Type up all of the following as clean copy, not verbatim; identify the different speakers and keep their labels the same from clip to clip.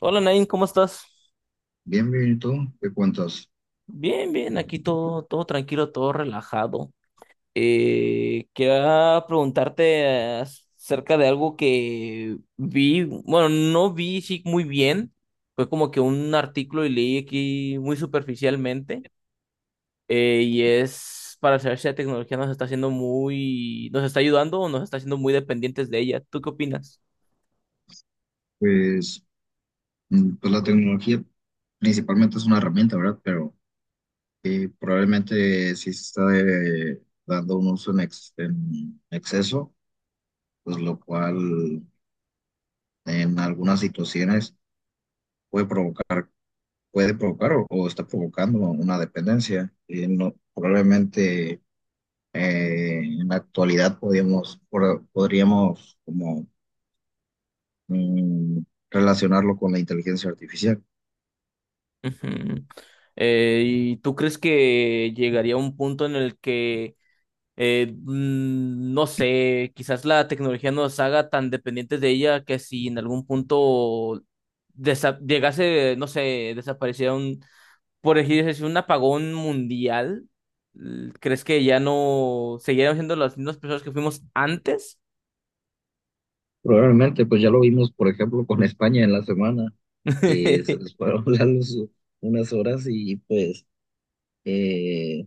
Speaker 1: Hola Nain, ¿cómo estás?
Speaker 2: Bien, bien, ¿y tú? ¿Qué cuentas?
Speaker 1: Bien, bien, aquí todo tranquilo, todo relajado. Quería preguntarte acerca de algo que vi, bueno, no vi sí, muy bien, fue como que un artículo y leí aquí muy superficialmente, y es para saber si la tecnología nos está haciendo muy, nos está ayudando o nos está haciendo muy dependientes de ella. ¿Tú qué opinas?
Speaker 2: Pues, pues la tecnología principalmente es una herramienta, ¿verdad? Pero probablemente sí se está dando un uso en exceso, pues lo cual en algunas situaciones puede provocar, puede provocar o está provocando una dependencia. No, probablemente en la actualidad podríamos como mm, relacionarlo con la inteligencia artificial.
Speaker 1: Ujú. ¿Y tú crees que llegaría un punto en el que no sé, quizás la tecnología nos haga tan dependientes de ella que si en algún punto llegase, no sé, desapareciera un, por decir así, un apagón mundial, ¿crees que ya no seguiríamos siendo las mismas personas que fuimos antes?
Speaker 2: Probablemente, pues ya lo vimos, por ejemplo, con España en la semana, que se les fueron la luz unas horas y pues eh,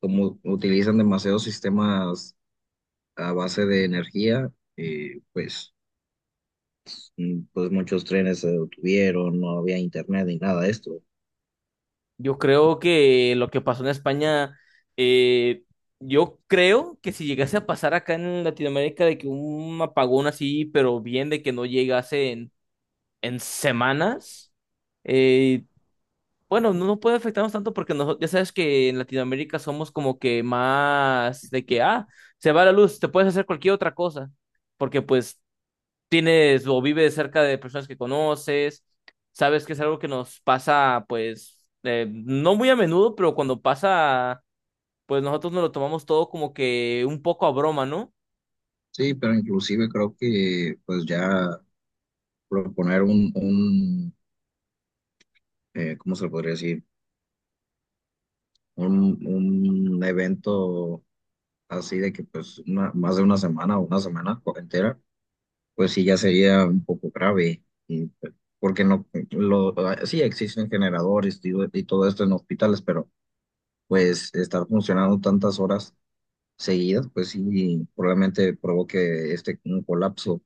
Speaker 2: como utilizan demasiados sistemas a base de energía, pues, pues muchos trenes se detuvieron, no había internet ni nada de esto.
Speaker 1: Yo creo que lo que pasó en España, eh, yo creo que si llegase a pasar acá en Latinoamérica de que un apagón así, pero bien de que no llegase en semanas. Eh, bueno, no puede afectarnos tanto porque nosotros, ya sabes que en Latinoamérica somos como que más de que, ah, se va la luz, te puedes hacer cualquier otra cosa, porque pues tienes o vives cerca de personas que conoces, sabes que es algo que nos pasa, pues, no muy a menudo, pero cuando pasa, pues nosotros nos lo tomamos todo como que un poco a broma, ¿no?
Speaker 2: Sí, pero inclusive creo que pues ya proponer un ¿cómo se le podría decir? Un evento así de que más de una semana o una semana entera, pues sí ya sería un poco grave, y, pues, porque no, sí existen generadores y todo esto en hospitales, pero pues estar funcionando tantas horas seguidas, pues sí probablemente provoque este un colapso.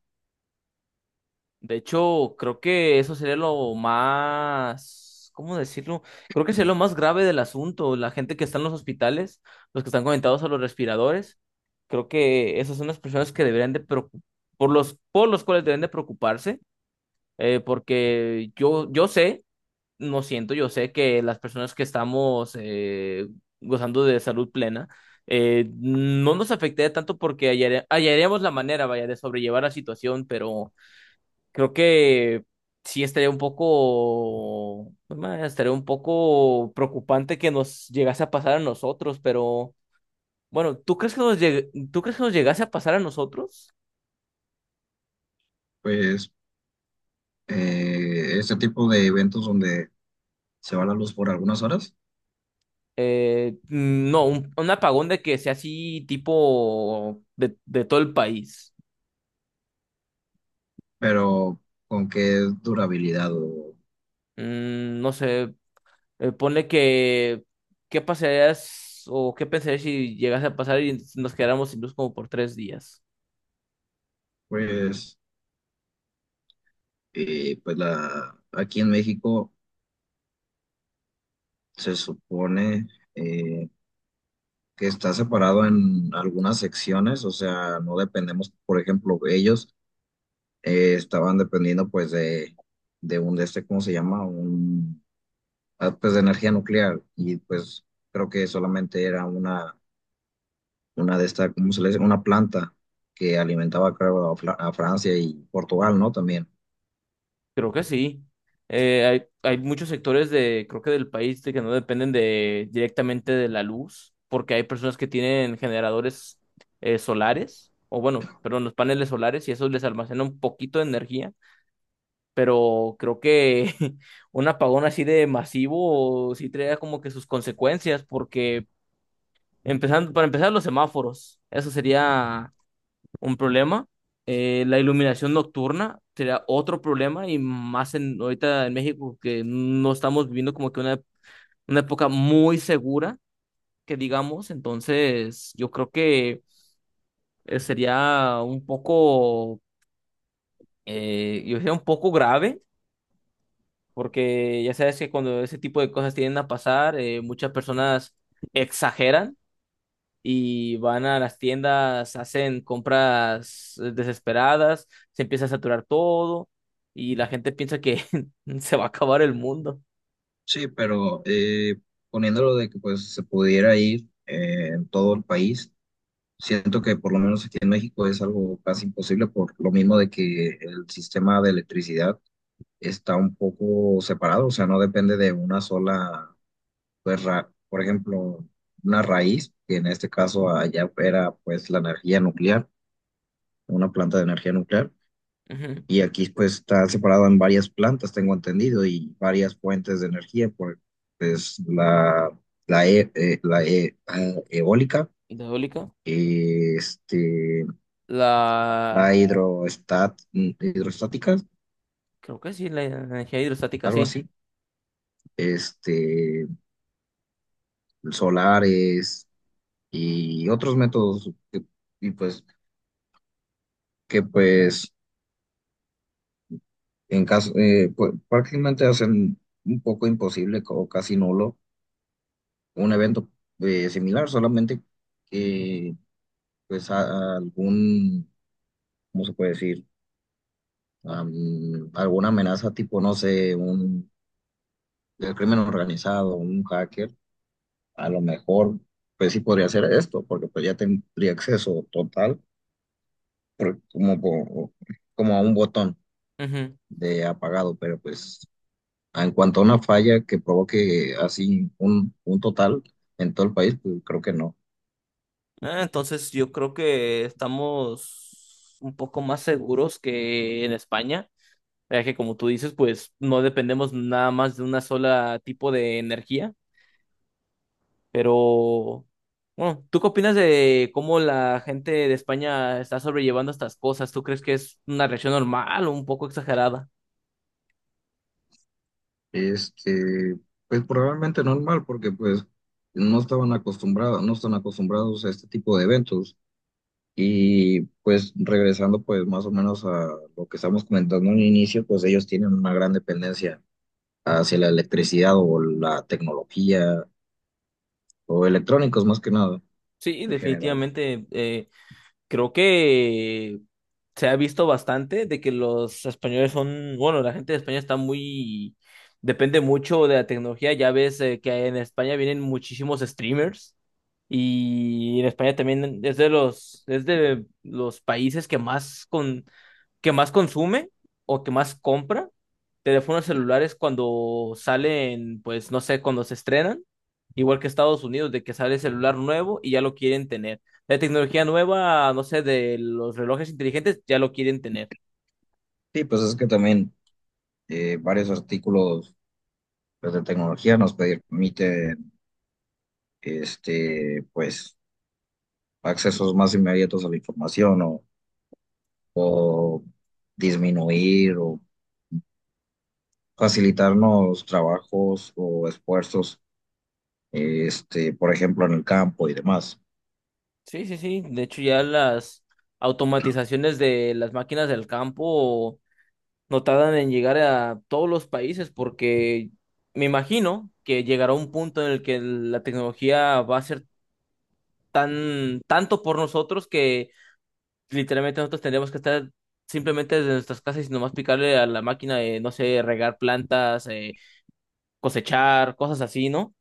Speaker 1: De hecho, creo que eso sería lo más, ¿cómo decirlo? Creo que sería lo más grave del asunto. La gente que está en los hospitales, los que están conectados a los respiradores, creo que esas son las personas que por los cuales deben de preocuparse, porque yo sé, no siento, yo sé que las personas que estamos gozando de salud plena, no nos afectaría tanto porque hallaríamos la manera, vaya, de sobrellevar la situación, pero creo que sí estaría un poco, ma, estaría un poco preocupante que nos llegase a pasar a nosotros, pero bueno, ¿tú crees que nos llegase a pasar a nosotros?
Speaker 2: Pues este tipo de eventos donde se va la luz por algunas horas,
Speaker 1: No, un apagón de que sea así tipo de todo el país.
Speaker 2: pero con qué durabilidad o
Speaker 1: No sé, ponle que, ¿qué pasarías o qué pensarías si llegase a pasar y nos quedáramos sin luz como por tres días?
Speaker 2: pues, pues aquí en México se supone eh, que está separado en algunas secciones, o sea, no dependemos, por ejemplo, ellos estaban dependiendo pues de un, de este, ¿cómo se llama? Pues de energía nuclear y pues creo que solamente era una de estas, ¿cómo se le dice? Una planta que alimentaba, creo, a Francia y Portugal, ¿no? También.
Speaker 1: Creo que sí. Hay muchos sectores de, creo que del país de que no dependen de directamente de la luz, porque hay personas que tienen generadores solares, o bueno, perdón, los paneles solares, y eso les almacena un poquito de energía, pero creo que un apagón así de masivo sí trae como que sus consecuencias, porque empezando, para empezar los semáforos, eso sería un problema. La iluminación nocturna sería otro problema y más en, ahorita en México que no estamos viviendo como que una época muy segura, que digamos, entonces yo creo que sería un poco, yo diría un poco grave, porque ya sabes que cuando ese tipo de cosas tienden a pasar, muchas personas exageran y van a las tiendas, hacen compras desesperadas, se empieza a saturar todo y la gente piensa que se va a acabar el mundo.
Speaker 2: Sí, pero poniéndolo de que pues se pudiera ir en todo el país. Siento que por lo menos aquí en México es algo casi imposible por lo mismo de que el sistema de electricidad está un poco separado, o sea, no depende de una sola, por ejemplo, una raíz, que en este caso allá era pues la energía nuclear, una planta de energía nuclear,
Speaker 1: Ujú.
Speaker 2: y aquí pues está separado en varias plantas, tengo entendido, y varias fuentes de energía, por, pues eólica,
Speaker 1: ¿Hidráulica?
Speaker 2: este
Speaker 1: La...
Speaker 2: hidroestática,
Speaker 1: Creo que sí, la energía hidrostática,
Speaker 2: algo
Speaker 1: sí.
Speaker 2: así, este, solares y otros métodos y pues, que pues en caso, pues, prácticamente hacen un poco imposible o casi nulo un evento similar, solamente que algún, ¿cómo se puede decir? Am, alguna amenaza tipo, no sé, un el crimen organizado, un hacker a lo mejor, pues sí podría hacer esto, porque pues ya tendría acceso total, por- como, por- como a un botón
Speaker 1: Ujú.
Speaker 2: de apagado, pero pues en cuanto a una falla que provoque así un total en todo el país, pues creo que no.
Speaker 1: Ah, entonces yo creo que estamos un poco más seguros que en España, ya que como tú dices, pues no dependemos nada más de una sola tipo de energía. Pero, bueno, ¿tú qué opinas de cómo la gente de España está sobrellevando estas cosas? ¿Tú crees que es una reacción normal o un poco exagerada?
Speaker 2: Este, pues probablemente normal, porque pues no estaban acostumbrados, no están acostumbrados a este tipo de eventos. Y pues regresando pues más o menos a lo que estamos comentando en un inicio, pues ellos tienen una gran dependencia hacia la electricidad o la tecnología o electrónicos más que nada
Speaker 1: Sí,
Speaker 2: en general.
Speaker 1: definitivamente. Creo que se ha visto bastante de que los españoles son, bueno, la gente de España está muy, depende mucho de la tecnología. Ya ves que en España vienen muchísimos streamers. Y en España también es de los países que más con, que más consume o que más compra teléfonos celulares cuando salen, pues no sé, cuando se estrenan, igual que Estados Unidos, de que sale celular nuevo y ya lo quieren tener. La tecnología nueva, no sé, de los relojes inteligentes, ya lo quieren tener.
Speaker 2: Sí, pues es que también varios artículos pues, de tecnología nos permiten este, pues, accesos más inmediatos a la información o disminuir o facilitarnos trabajos o esfuerzos, este, por ejemplo, en el campo y demás.
Speaker 1: Sí. De hecho, ya las automatizaciones de las máquinas del campo no tardan en llegar a todos los países porque me imagino que llegará un punto en el que la tecnología va a ser tan tanto por nosotros que literalmente nosotros tendríamos que estar simplemente desde nuestras casas y nomás picarle a la máquina de, no sé, regar plantas, cosechar, cosas así, ¿no?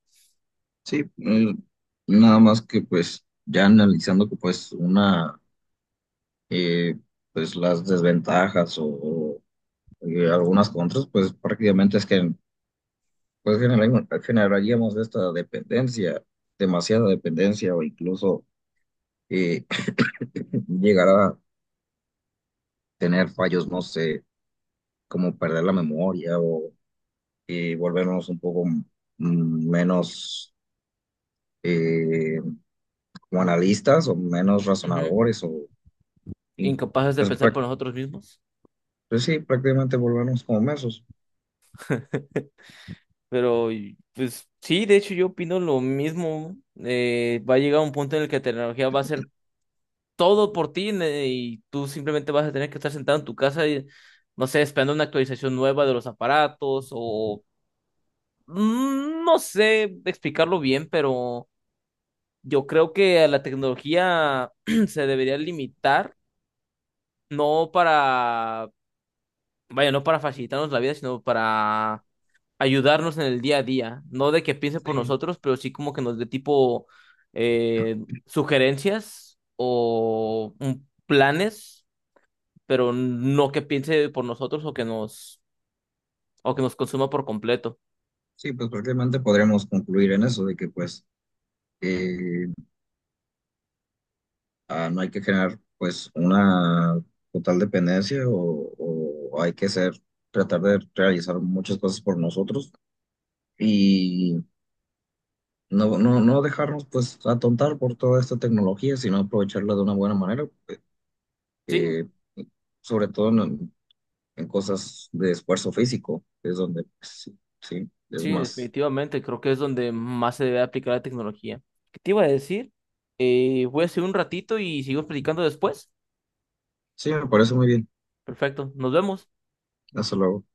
Speaker 2: Sí, nada más que pues ya analizando que pues una. Y pues las desventajas y algunas contras, pues prácticamente es que pues, generaríamos esta dependencia, demasiada dependencia o incluso eh, llegar a tener fallos, no sé, como perder la memoria o volvernos un poco menos eh, como analistas o menos
Speaker 1: Ujú.
Speaker 2: razonadores in-
Speaker 1: Incapaces de
Speaker 2: pues,
Speaker 1: pensar por nosotros mismos.
Speaker 2: pues sí, prácticamente volvernos como mensos.
Speaker 1: Pero, y, pues sí, de hecho yo opino lo mismo. Va a llegar un punto en el que la tecnología va a ser todo por ti y tú simplemente vas a tener que estar sentado en tu casa y, no sé, esperando una actualización nueva de los aparatos o no sé explicarlo bien, pero yo creo que a la tecnología se debería limitar, no para, vaya, no para facilitarnos la vida, sino para ayudarnos en el día a día, no de que piense por
Speaker 2: Sí.
Speaker 1: nosotros, pero sí como que nos dé tipo eh, sugerencias o planes pero no que piense por nosotros o que nos consuma por completo.
Speaker 2: Sí, pues prácticamente podríamos concluir en eso, de que pues eh, no hay que generar pues una total dependencia o hay que ser, tratar de realizar muchas cosas por nosotros y no dejarnos pues atontar por toda esta tecnología, sino aprovecharla de una buena manera,
Speaker 1: Sí,
Speaker 2: eh, sobre todo en cosas de esfuerzo físico, que es donde pues, sí, sí, es
Speaker 1: sí,
Speaker 2: más.
Speaker 1: definitivamente, creo que es donde más se debe aplicar la tecnología. ¿Qué te iba a decir? Voy a hacer un ratito y sigo platicando después.
Speaker 2: Sí, me parece muy bien.
Speaker 1: Perfecto, nos vemos.
Speaker 2: Hasta luego.